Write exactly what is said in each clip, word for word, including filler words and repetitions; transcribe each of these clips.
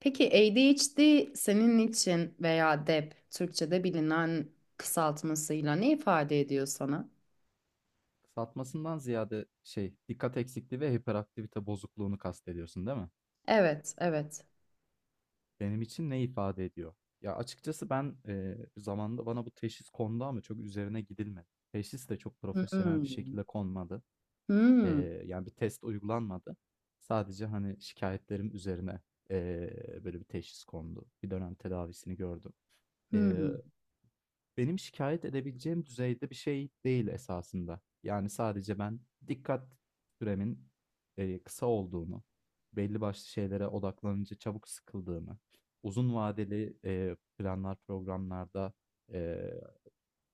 Peki A D H D senin için veya D E P Türkçe'de bilinen kısaltmasıyla ne ifade ediyor sana? Satmasından ziyade şey, dikkat eksikliği ve hiperaktivite bozukluğunu kastediyorsun değil mi? Evet, evet. Benim için ne ifade ediyor? Ya açıkçası ben e, zamanında bana bu teşhis kondu ama çok üzerine gidilmedi. Teşhis de çok profesyonel bir Hmm. şekilde konmadı. E, Hmm. Yani bir test uygulanmadı. Sadece hani şikayetlerim üzerine e, böyle bir teşhis kondu. Bir dönem tedavisini gördüm. E, Hmm. Benim şikayet edebileceğim düzeyde bir şey değil esasında. Yani sadece ben dikkat süremin e, kısa olduğunu, belli başlı şeylere odaklanınca çabuk sıkıldığımı, uzun vadeli e, planlar, programlarda e,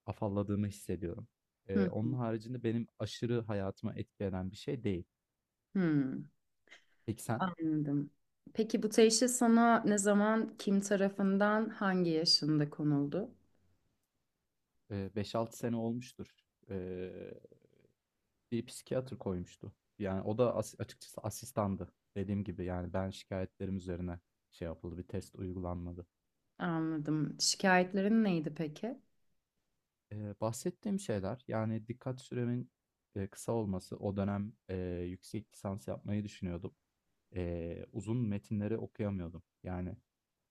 afalladığımı hissediyorum. E, onun Hmm. haricinde benim aşırı hayatıma etki eden bir şey değil. Hmm. Peki sen? Anladım. Peki bu teşhis sana ne zaman, kim tarafından, hangi yaşında konuldu? E, beş altı sene olmuştur. E, Bir psikiyatr koymuştu. Yani o da as açıkçası asistandı. Dediğim gibi yani ben şikayetlerim üzerine şey yapıldı, bir test uygulanmadı. Anladım. Şikayetlerin neydi peki? Ee, bahsettiğim şeyler yani dikkat süremin e, kısa olması. O dönem e, yüksek lisans yapmayı düşünüyordum. E, uzun metinleri okuyamıyordum. Yani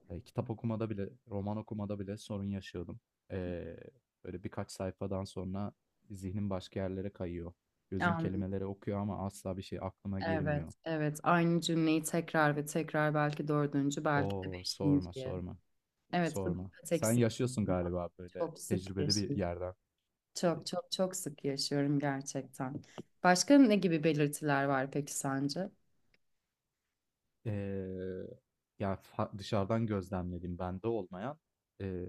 e, kitap okumada bile, roman okumada bile sorun yaşıyordum. E, Böyle birkaç sayfadan sonra zihnim başka yerlere kayıyor. Gözüm Anladım. kelimeleri okuyor ama asla bir şey aklıma Evet, girmiyor. evet. Aynı cümleyi tekrar ve tekrar belki dördüncü, belki de Oo sorma beşinciye. sorma Evet, bu sorma. dikkat Sen eksik. yaşıyorsun galiba böyle Çok sık tecrübeli bir yaşıyorum. yerden. Çok çok çok sık yaşıyorum gerçekten. Başka ne gibi belirtiler var peki sence? Ee, ya fa- dışarıdan gözlemlediğim bende olmayan ee,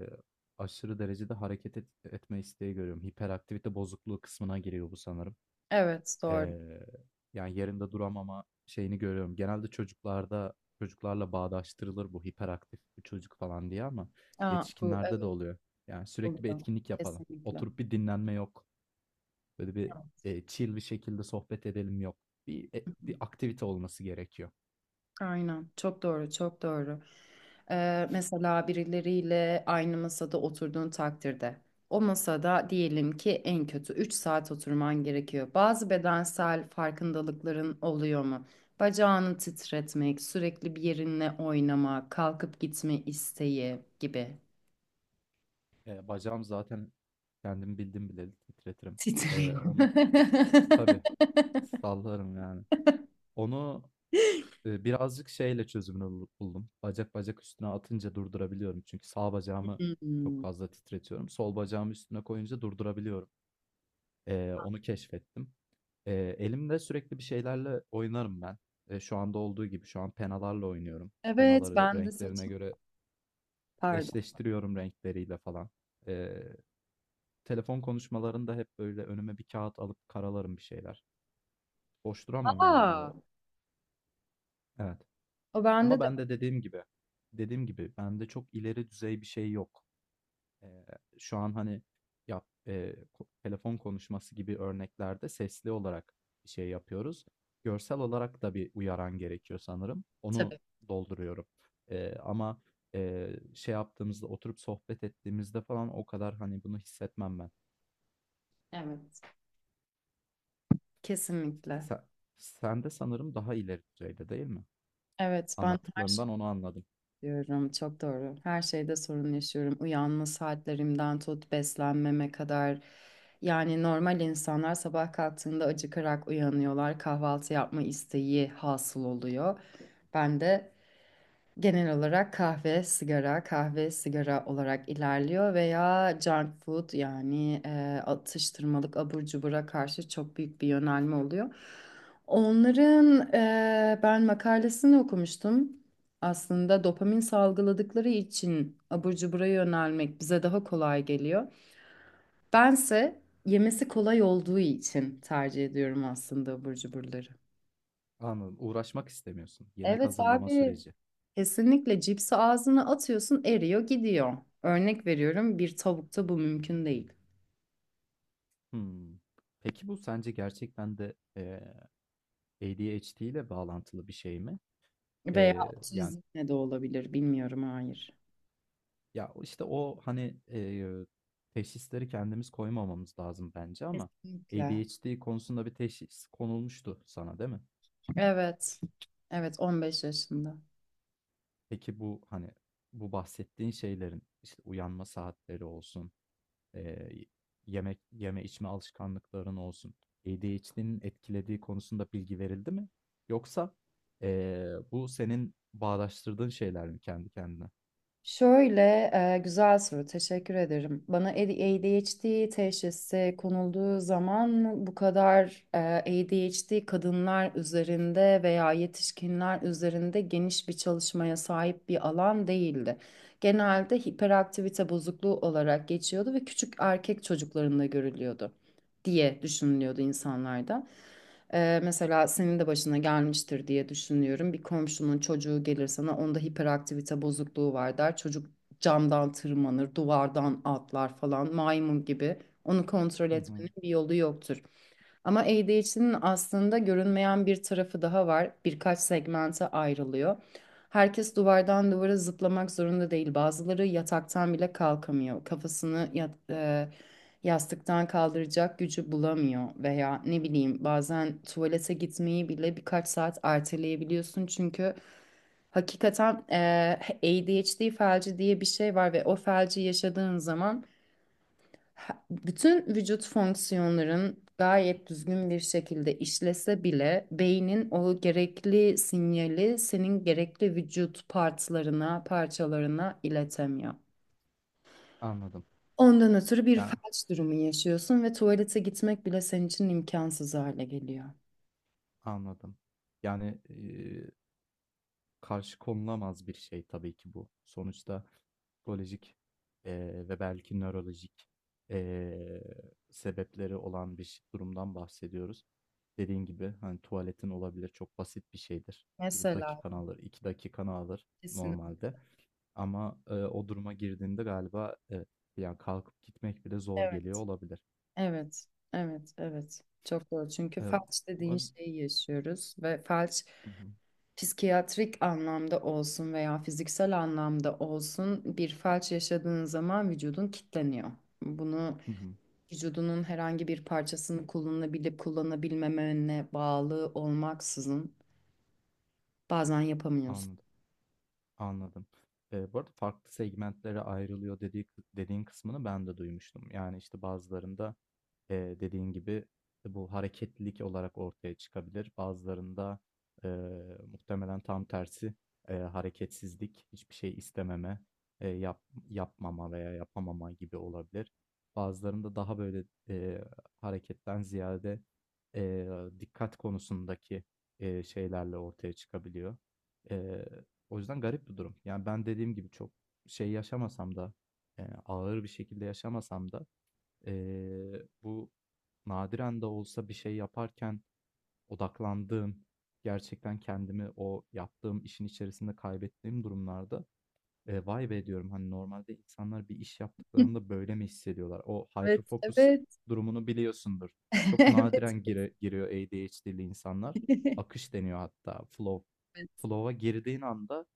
aşırı derecede hareket et- etme isteği görüyorum. Hiperaktivite bozukluğu kısmına giriyor bu sanırım. Evet, doğru. Ee, Yani yerinde duramama şeyini görüyorum. Genelde çocuklarda çocuklarla bağdaştırılır bu hiperaktif bir çocuk falan diye ama Aa, bu yetişkinlerde de evet oluyor. Yani sürekli bir oluyor. etkinlik yapalım. Kesinlikle. Oturup bir dinlenme yok. Böyle bir Evet. e, chill bir şekilde sohbet edelim yok. Bir e, bir aktivite olması gerekiyor. Aynen. Çok doğru, çok doğru. Ee, mesela birileriyle aynı masada oturduğun takdirde o masada diyelim ki en kötü üç saat oturman gerekiyor. Bazı bedensel farkındalıkların oluyor mu? Bacağını titretmek, sürekli bir yerinle oynama, kalkıp gitme isteği gibi. E, bacağım zaten kendim bildim bileli titretirim. E, Titriyor. Onu tabii sallarım yani. Onu e, birazcık şeyle çözümünü bul- buldum. Bacak bacak üstüne atınca durdurabiliyorum. Çünkü sağ bacağımı çok Hmm. fazla titretiyorum. Sol bacağımı üstüne koyunca durdurabiliyorum. E, onu keşfettim. E, elimde sürekli bir şeylerle oynarım ben. E, şu anda olduğu gibi şu an penalarla oynuyorum. Evet, Penaları ben de renklerine saçım. göre Pardon. eşleştiriyorum renkleriyle falan. Eee, Telefon konuşmalarında hep böyle önüme bir kağıt alıp karalarım bir şeyler. Boş duramam yani Aa, o. Evet. o bende Ama de ben var de dediğim gibi, dediğim gibi bende çok ileri düzey bir şey yok. Eee, Şu an hani yap, eee, ko- telefon konuşması gibi örneklerde sesli olarak bir şey yapıyoruz. Görsel olarak da bir uyaran gerekiyor sanırım. Onu tabii. dolduruyorum. Eee, ama eee, Şey yaptığımızda oturup sohbet ettiğimizde falan o kadar hani bunu hissetmem ben. Evet, kesinlikle. Sen, sen de sanırım daha ileri düzeyde değil mi? Evet, ben her şey Anlattıklarımdan onu anladım. diyorum. Çok doğru. Her şeyde sorun yaşıyorum. Uyanma saatlerimden tut beslenmeme kadar. Yani normal insanlar sabah kalktığında acıkarak uyanıyorlar. Kahvaltı yapma isteği hasıl oluyor. Ben de Genel olarak kahve, sigara, kahve, sigara olarak ilerliyor veya junk food yani e, atıştırmalık abur cubura karşı çok büyük bir yönelme oluyor. Onların e, ben makalesini okumuştum. Aslında dopamin salgıladıkları için abur cubura yönelmek bize daha kolay geliyor. Bense yemesi kolay olduğu için tercih ediyorum aslında abur cuburları. Anladım. Uğraşmak istemiyorsun. Yemek Evet hazırlama abi. süreci. Kesinlikle cipsi ağzına atıyorsun eriyor gidiyor. Örnek veriyorum, bir tavukta bu mümkün değil. Hmm. Peki bu sence gerçekten de eee A D H D ile bağlantılı bir şey mi? Veya Eee, yani otizmle de olabilir bilmiyorum, hayır. ya işte o hani eee, teşhisleri kendimiz koymamamız lazım bence ama Kesinlikle. A D H D konusunda bir teşhis konulmuştu sana değil mi? Evet. Evet, on beş yaşında. Peki bu hani bu bahsettiğin şeylerin işte uyanma saatleri olsun, Eee, yemek yeme içme alışkanlıkların olsun, A D H D'nin etkilediği konusunda bilgi verildi mi? Yoksa, eee, bu senin bağdaştırdığın şeyler mi kendi kendine? Şöyle e, güzel soru, teşekkür ederim. Bana A D H D teşhisi konulduğu zaman bu kadar e, A D H D kadınlar üzerinde veya yetişkinler üzerinde geniş bir çalışmaya sahip bir alan değildi. Genelde hiperaktivite bozukluğu olarak geçiyordu ve küçük erkek çocuklarında görülüyordu diye düşünülüyordu insanlarda. Ee, mesela senin de başına gelmiştir diye düşünüyorum. Bir komşunun çocuğu gelir sana, onda hiperaktivite bozukluğu var der. Çocuk camdan tırmanır, duvardan atlar falan, maymun gibi. Onu kontrol Hı hı. etmenin bir yolu yoktur. Ama A D H D'nin aslında görünmeyen bir tarafı daha var. Birkaç segmente ayrılıyor. Herkes duvardan duvara zıplamak zorunda değil. Bazıları yataktan bile kalkamıyor. Kafasını yat, e, yastıktan kaldıracak gücü bulamıyor veya ne bileyim, bazen tuvalete gitmeyi bile birkaç saat erteleyebiliyorsun çünkü hakikaten eee A D H D felci diye bir şey var ve o felci yaşadığın zaman ha- bütün vücut fonksiyonların gayet düzgün bir şekilde işlese bile beynin o gerekli sinyali senin gerekli vücut partlarına, parçalarına iletemiyor. Anladım. Ondan ötürü bir Ya, felç durumu yaşıyorsun ve tuvalete gitmek bile senin için imkansız hale geliyor. anladım. Yani, karşı konulamaz bir şey tabii ki bu. Sonuçta psikolojik, eee, ve belki nörolojik, eee, sebepleri olan bir ş durumdan bahsediyoruz. Dediğin gibi, hani, tuvaletin olabilir, çok basit bir şeydir. Bir Mesela. dakikanı alır, iki dakikanı alır Kesin. normalde ama, eee, o duruma girdiğinde galiba evet, yani kalkıp gitmek bile zor geliyor Evet, olabilir. evet, evet, evet. Çok doğru. Çünkü Emm, felç bu dediğin ar şeyi yaşıyoruz ve felç, Hı hı. psikiyatrik anlamda olsun veya fiziksel anlamda olsun, bir felç yaşadığın zaman vücudun kilitleniyor. Bunu, Hı hı. vücudunun herhangi bir parçasını kullanabilip kullanabilmemene bağlı olmaksızın, bazen yapamıyorsun. Anladım. Anladım. Eee, bu arada farklı segmentlere ayrılıyor dediği dediğin kısmını ben de duymuştum. Yani, işte, bazılarında, eee, dediğin gibi bu hareketlilik olarak ortaya çıkabilir. Bazılarında, eee, muhtemelen tam tersi, eee, hareketsizlik, hiçbir şey istememe, eee, yap yapmama veya yapamama gibi olabilir. Bazılarında daha böyle, eee, hareketten ziyade, eee, dikkat konusundaki, eee, şeylerle ortaya çıkabiliyor. O yüzden garip bir durum. Yani ben dediğim gibi çok şey yaşamasam da e, ağır bir şekilde yaşamasam da e, bu nadiren de olsa bir şey yaparken odaklandığım gerçekten kendimi o yaptığım işin içerisinde kaybettiğim durumlarda e, vay be diyorum hani normalde insanlar bir iş yaptıklarında böyle mi hissediyorlar? O Evet, hyper focus evet. durumunu biliyorsundur. Çok Evet. nadiren gire- giriyor A D H D'li insanlar. Akış deniyor hatta flow, Evet. flow'a girdiğin anda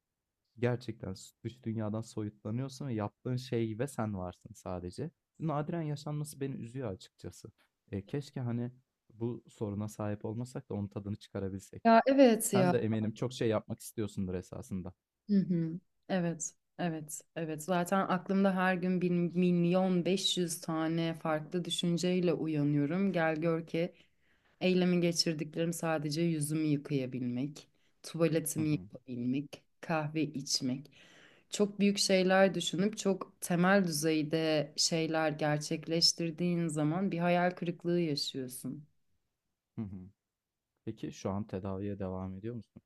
gerçekten s- dış dünyadan soyutlanıyorsun ve yaptığın şey ve sen varsın sadece. Nadiren yaşanması beni üzüyor açıkçası. E, keşke hani bu soruna sahip olmasak da onun tadını çıkarabilsek. Ya evet Sen ya. de eminim çok şey yapmak istiyorsundur esasında. Hı hı. Evet. Evet. Evet. Zaten aklımda her gün bir milyon beş yüz tane farklı düşünceyle uyanıyorum. Gel gör ki eylemi geçirdiklerim sadece yüzümü yıkayabilmek, Hı tuvaletimi hı. yapabilmek, kahve içmek. Çok büyük şeyler düşünüp çok temel düzeyde şeyler gerçekleştirdiğin zaman bir hayal kırıklığı yaşıyorsun. Hı hı. Peki şu an tedaviye devam ediyor musun?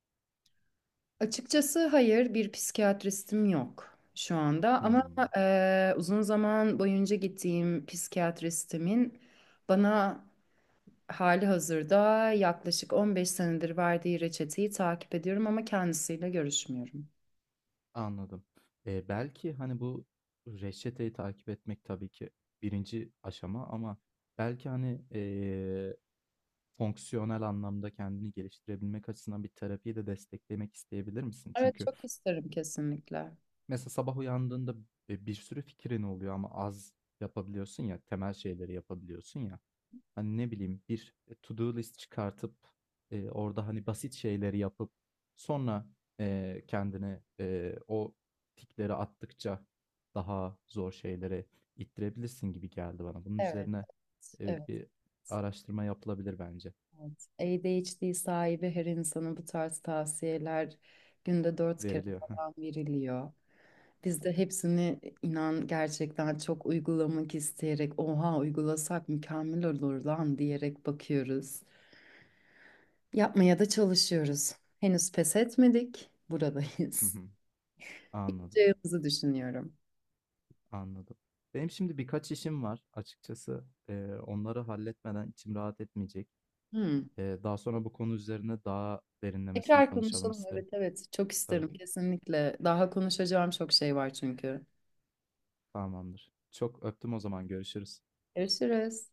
Açıkçası hayır, bir psikiyatristim yok şu anda ama Hmm. eee, uzun zaman boyunca gittiğim psikiyatristimin bana hali hazırda yaklaşık on beş senedir verdiği reçeteyi takip ediyorum ama kendisiyle görüşmüyorum. Anladım. E, belki hani bu reçeteyi takip etmek tabii ki birinci aşama ama belki hani e, fonksiyonel anlamda kendini geliştirebilmek açısından bir terapiyi de desteklemek isteyebilir misin? Evet, Çünkü çok isterim kesinlikle. mesela sabah uyandığında e, bir sürü fikrin oluyor ama az yapabiliyorsun ya, temel şeyleri yapabiliyorsun ya. Hani ne bileyim bir e, to do list çıkartıp e, orada hani basit şeyleri yapıp sonra e, kendini e, o tikleri attıkça daha zor şeylere ittirebilirsin gibi geldi bana. Bunun Evet, üzerine e, evet, bir araştırma yapılabilir bence. evet. A D H D sahibi her insana bu tarz tavsiyeler günde dört kere Veriliyor. falan veriliyor. Biz de hepsini, inan gerçekten çok uygulamak isteyerek, oha uygulasak mükemmel olur lan diyerek bakıyoruz. Yapmaya da çalışıyoruz. Henüz pes etmedik. Hı Buradayız. hı. Anladım, Yapacağımızı düşünüyorum. anladım. Benim şimdi birkaç işim var açıkçası. Ee, onları halletmeden içim rahat etmeyecek. Hmm. Ee, daha sonra bu konu üzerine daha derinlemesine Tekrar konuşalım konuşalım. isterim. Evet, evet, çok Tabii, isterim kesinlikle. Daha konuşacağım çok şey var çünkü. tamamdır. Çok öptüm o zaman görüşürüz. Görüşürüz.